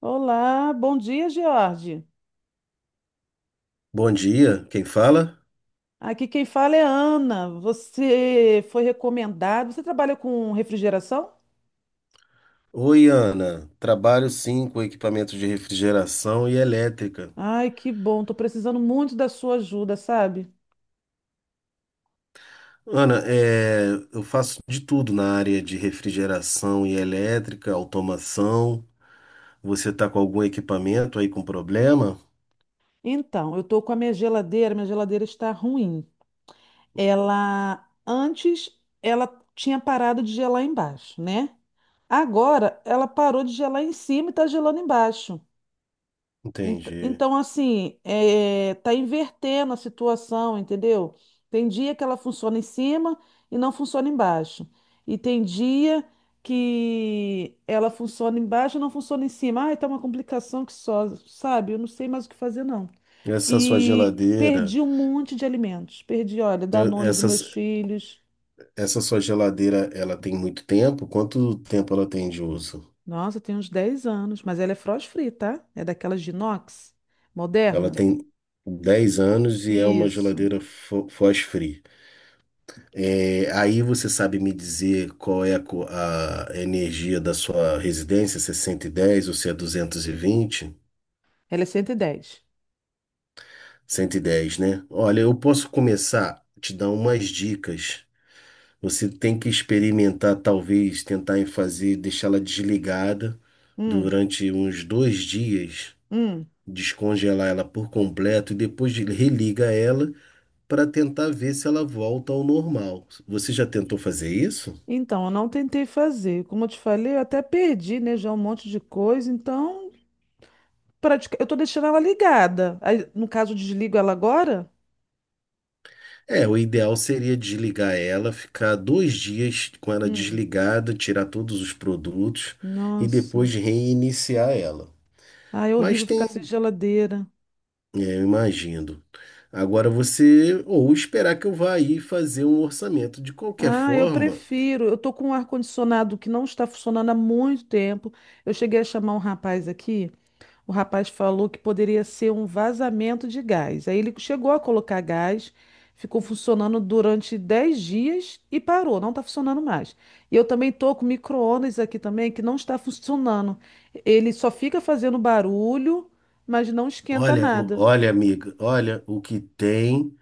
Olá, bom dia, George. Bom dia, quem fala? Aqui quem fala é Ana. Você foi recomendado. Você trabalha com refrigeração? Oi, Ana. Trabalho sim com equipamentos de refrigeração e elétrica. Ai, que bom. Tô precisando muito da sua ajuda, sabe? Ana, eu faço de tudo na área de refrigeração e elétrica, automação. Você está com algum equipamento aí com problema? Então, eu tô com a minha geladeira. Minha geladeira está ruim. Ela antes ela tinha parado de gelar embaixo, né? Agora ela parou de gelar em cima e tá gelando embaixo. Ent- Entendi. Então, assim, tá invertendo a situação, entendeu? Tem dia que ela funciona em cima e não funciona embaixo. E tem dia que ela funciona embaixo e não funciona em cima. Ai, tá uma complicação que só, sabe? Eu não sei mais o que fazer, não. Essa sua E geladeira, perdi um monte de alimentos. Perdi, olha, eh, Danone dos meus essas, filhos. Essa sua geladeira, ela tem muito tempo? Quanto tempo ela tem de uso? Nossa, tem uns 10 anos, mas ela é frost free, tá? É daquelas de inox, Ela moderna. tem 10 anos e é uma Isso. geladeira frost-free. Aí você sabe me dizer qual é a energia da sua residência, se é 110 ou se é 220? Ela é 110. 110, né? Olha, eu posso começar a te dar umas dicas. Você tem que experimentar, talvez, tentar em fazer, deixá-la desligada Hum. durante uns 2 dias, Hum, descongelar ela por completo e depois religa ela para tentar ver se ela volta ao normal. Você já tentou fazer isso? então, eu não tentei fazer. Como eu te falei, eu até perdi, né, já um monte de coisa. Então, eu tô deixando ela ligada. Aí, no caso, eu desligo ela agora? É, o ideal seria desligar ela, ficar 2 dias com ela Hum, desligada, tirar todos os produtos e nossa. depois reiniciar ela. Ah, é Mas horrível ficar sem tem, geladeira. É, eu imagino. Agora você, ou esperar que eu vá aí fazer um orçamento. De qualquer Ah, eu forma, prefiro. Eu tô com um ar-condicionado que não está funcionando há muito tempo. Eu cheguei a chamar um rapaz aqui. O rapaz falou que poderia ser um vazamento de gás. Aí ele chegou a colocar gás, ficou funcionando durante 10 dias e parou, não está funcionando mais. E eu também tô com micro-ondas aqui também que não está funcionando. Ele só fica fazendo barulho, mas não esquenta nada. olha, amiga, olha o que tem,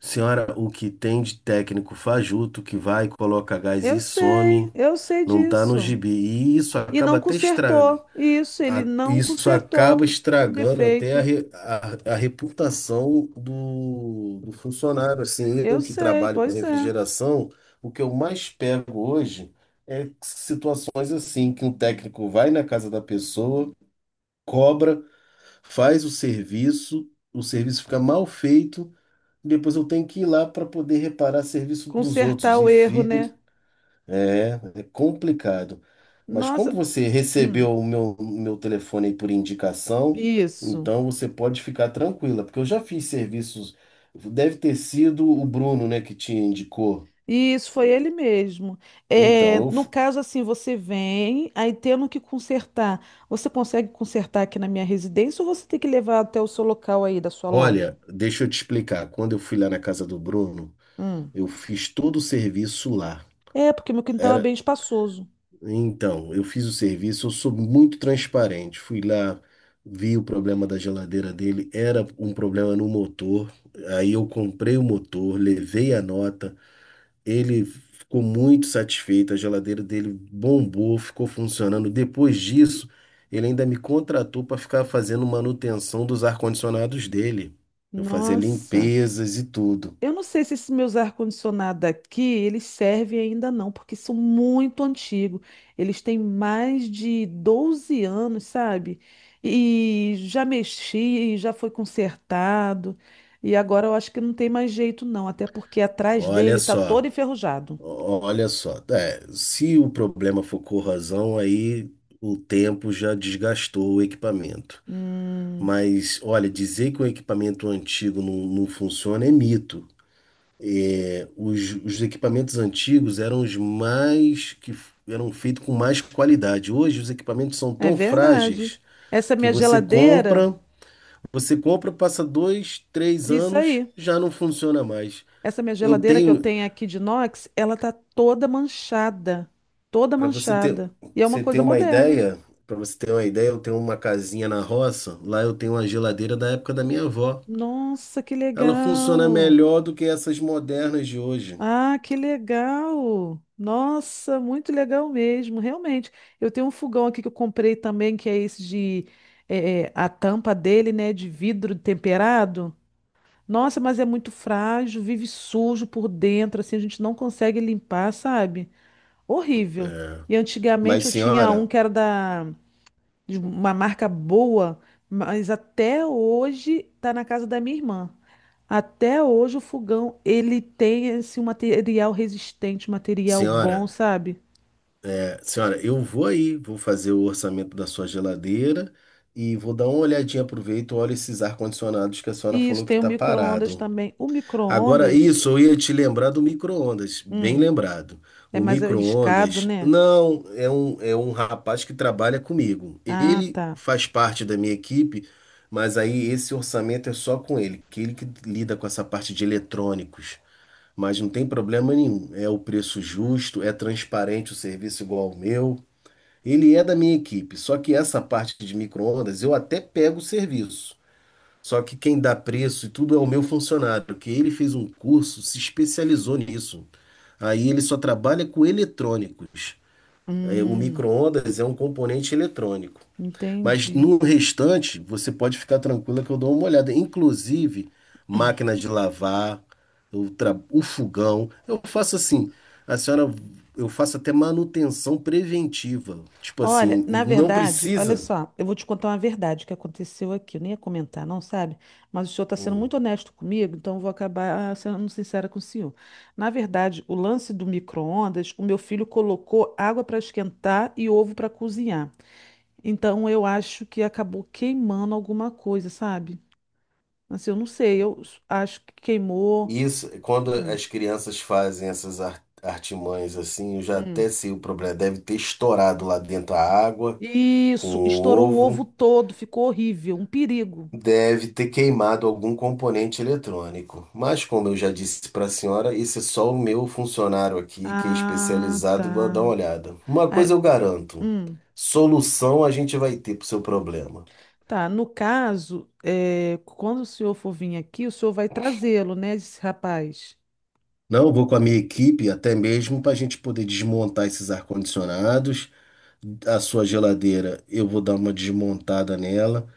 senhora, o que tem de técnico fajuto que vai, coloca gás e some, Eu sei não tá no disso. gibi. E isso E acaba não até consertou. estragando. Isso, ele não Isso acaba consertou o estragando até defeito. A reputação do funcionário. Assim, Eu eu que sei, trabalho com pois é. refrigeração, o que eu mais pego hoje é situações assim, que um técnico vai na casa da pessoa, cobra, faz o serviço fica mal feito, depois eu tenho que ir lá para poder reparar serviço dos Consertar outros e o erro, fica né? É complicado. Mas como Nossa, você hum, recebeu o meu telefone aí por indicação, isso. então você pode ficar tranquila, porque eu já fiz serviços. Deve ter sido o Bruno, né, que te indicou. Isso, foi ele mesmo. Então, É, eu, no f- caso, assim, você vem, aí tendo que consertar. Você consegue consertar aqui na minha residência ou você tem que levar até o seu local aí da sua loja? Olha, deixa eu te explicar. Quando eu fui lá na casa do Bruno, Hum. eu fiz todo o serviço lá. É, porque meu quintal é Era bem espaçoso. Então, eu fiz o serviço, eu sou muito transparente. Fui lá, vi o problema da geladeira dele, era um problema no motor. Aí eu comprei o motor, levei a nota, ele ficou muito satisfeito, a geladeira dele bombou, ficou funcionando. Depois disso, ele ainda me contratou para ficar fazendo manutenção dos ar-condicionados dele. Eu fazia Nossa. limpezas e tudo. Eu não sei se esses meus ar-condicionado aqui, eles servem ainda não, porque são muito antigos. Eles têm mais de 12 anos, sabe? E já mexi, já foi consertado. E agora eu acho que não tem mais jeito não, até porque atrás Olha dele tá só. todo enferrujado. Olha só, é, se o problema for corrosão, aí o tempo já desgastou o equipamento. Hum, Mas, olha, dizer que o equipamento antigo não funciona é mito. Os equipamentos antigos eram os mais eram feitos com mais qualidade. Hoje os equipamentos são é tão verdade. frágeis Essa que minha geladeira, você compra, passa dois, três isso anos, aí. já não funciona mais. Essa minha Eu geladeira que eu tenho, tenho aqui de inox, ela tá toda manchada, toda Para manchada. E é uma você ter coisa uma moderna. ideia, para você ter uma ideia, eu tenho uma casinha na roça, lá eu tenho uma geladeira da época da minha avó. Nossa, que Ela funciona legal! melhor do que essas modernas de hoje. Ah, que legal! Nossa, muito legal mesmo, realmente. Eu tenho um fogão aqui que eu comprei também, que é esse de a tampa dele, né, de vidro temperado. Nossa, mas é muito frágil, vive sujo por dentro, assim a gente não consegue limpar, sabe? Horrível. É. E antigamente Mas eu tinha um senhora, que era da de uma marca boa, mas até hoje tá na casa da minha irmã. Até hoje o fogão, ele tem esse material resistente, material bom, senhora, sabe? Senhora, eu vou aí, vou fazer o orçamento da sua geladeira e vou dar uma olhadinha, aproveito, olha esses ar-condicionados que a senhora E isso falou que tem o tá micro-ondas parado. também. O Agora, micro-ondas, isso, eu ia te lembrar do micro-ondas, bem hum, lembrado. é O mais arriscado, micro-ondas, né? não, É é um rapaz que trabalha comigo. Ah, Ele tá. faz parte da minha equipe, mas aí esse orçamento é só com ele que lida com essa parte de eletrônicos. Mas não tem problema nenhum, é o preço justo, é transparente o serviço igual ao meu. Ele é da minha equipe, só que essa parte de micro-ondas eu até pego o serviço. Só que quem dá preço e tudo é o meu funcionário, que ele fez um curso, se especializou nisso. Aí ele só trabalha com eletrônicos. O Hum, micro-ondas é um componente eletrônico. Mas entendi. no restante, você pode ficar tranquila que eu dou uma olhada. Inclusive, máquina de lavar, o fogão. Eu faço assim, a senhora, eu faço até manutenção preventiva. Tipo Olha, assim, na não verdade, olha precisa. só, eu vou te contar uma verdade que aconteceu aqui. Eu nem ia comentar, não, sabe? Mas o senhor está sendo Hum. muito honesto comigo, então eu vou acabar sendo sincera com o senhor. Na verdade, o lance do micro-ondas, o meu filho colocou água para esquentar e ovo para cozinhar. Então eu acho que acabou queimando alguma coisa, sabe? Assim, eu não sei, acho que queimou. Isso, quando Hum. as crianças fazem artimanhas assim, eu já Hum. até sei o problema. Deve ter estourado lá dentro a água com Isso, o estourou o ovo ovo, todo, ficou horrível, um perigo. deve ter queimado algum componente eletrônico. Mas, como eu já disse para a senhora, esse é só o meu funcionário aqui, que é Ah, tá. especializado, vai dar uma olhada. Uma coisa eu garanto: Hum, solução a gente vai ter para o seu problema. tá. No caso, é, quando o senhor for vir aqui, o senhor vai trazê-lo, né, esse rapaz? Não, eu vou com a minha equipe até mesmo para a gente poder desmontar esses ar-condicionados, a sua geladeira, eu vou dar uma desmontada nela.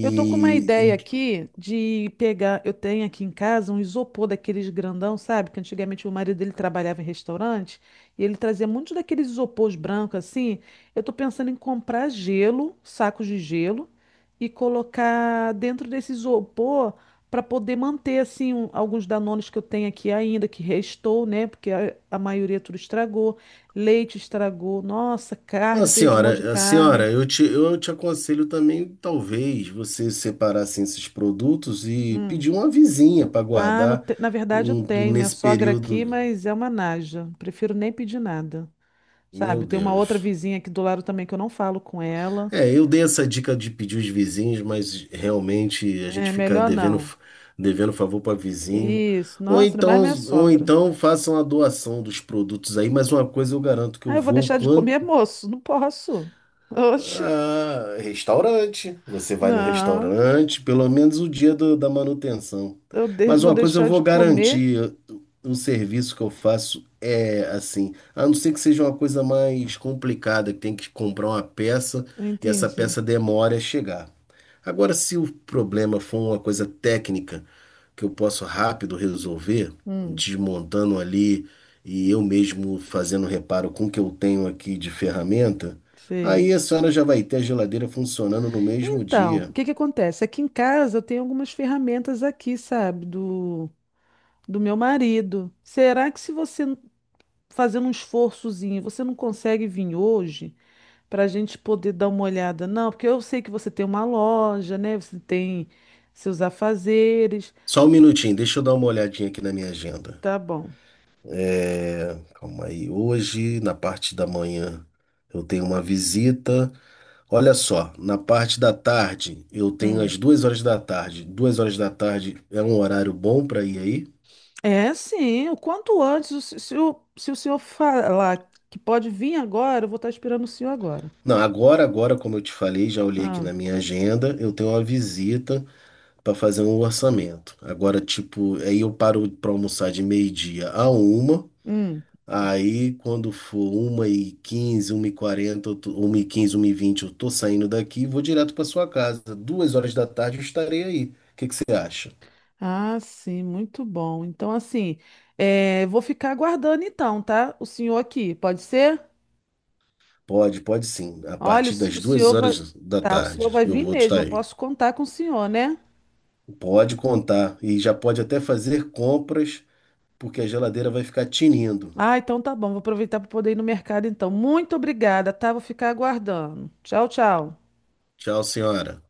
Eu tô com uma ideia e aqui de pegar. Eu tenho aqui em casa um isopor daqueles grandão, sabe? Que antigamente o marido dele trabalhava em restaurante e ele trazia muitos daqueles isopores brancos assim. Eu tô pensando em comprar gelo, sacos de gelo, e colocar dentro desse isopor para poder manter assim alguns danones que eu tenho aqui ainda, que restou, né? Porque a maioria tudo estragou. Leite estragou. Nossa, carne, a eu perdi um monte de a carne. senhora, eu eu te aconselho também, talvez, você separar assim, esses produtos e Hum. pedir uma vizinha para Ah, no guardar te- na verdade eu tenho minha nesse sogra aqui, período. mas é uma naja. Prefiro nem pedir nada, Meu sabe? Tem uma outra Deus. vizinha aqui do lado também que eu não falo com ela. É, eu dei essa dica de pedir os vizinhos, mas realmente a gente É fica melhor não. devendo favor para vizinho. Isso, nossa, ainda mais minha Ou sogra. então façam a doação dos produtos aí, mas uma coisa eu garanto que Ah, eu eu vou vou. deixar de comer, moço? Não posso. Oxe, Ah, restaurante. Você vai no não. restaurante, pelo menos o dia da manutenção. Mas Vou uma coisa eu deixar de vou comer? garantir, o serviço que eu faço é assim, a não ser que seja uma coisa mais complicada, que tem que comprar uma peça e essa Entendi. peça demora a chegar. Agora, se o problema for uma coisa técnica que eu posso rápido resolver, Hum, desmontando ali e eu mesmo fazendo reparo com o que eu tenho aqui de ferramenta, sei. aí a senhora já vai ter a geladeira funcionando no mesmo Então, o dia. que que acontece? Aqui em casa eu tenho algumas ferramentas aqui, sabe? Do meu marido. Será que se você fazendo um esforçozinho. Você não consegue vir hoje para a gente poder dar uma olhada? Não, porque eu sei que você tem uma loja, né? Você tem seus afazeres. Só um minutinho, deixa eu dar uma olhadinha aqui na minha agenda. Tá bom. É, calma aí. Hoje, na parte da manhã, eu tenho uma visita. Olha só, na parte da tarde, eu tenho Hum. às 2 horas da tarde. Duas horas da tarde é um horário bom para ir aí? É, sim. O quanto antes, o se, se o, se o senhor falar que pode vir agora, eu vou estar esperando o senhor agora. Não, agora, como eu te falei, já olhei aqui Ah, na minha agenda, eu tenho uma visita para fazer um orçamento. Agora, tipo, aí eu paro para almoçar de meio-dia a uma. hum. Aí, quando for uma e quinze, uma e quarenta, 1h15, 1h20, eu tô saindo daqui e vou direto para sua casa. Duas horas da tarde eu estarei aí. O que que você acha? Ah, sim, muito bom. Então, assim, é, vou ficar aguardando então, tá? O senhor aqui, pode ser? Pode, pode sim. A Olha, partir das o duas senhor vai, horas da tá, o senhor tarde vai eu vir vou mesmo, estar eu aí. posso contar com o senhor, né? Pode contar. E já pode até fazer compras, porque a geladeira vai ficar tinindo. Ah, então tá bom, vou aproveitar para poder ir no mercado então. Muito obrigada, tá? Vou ficar aguardando. Tchau, tchau. Tchau, senhora.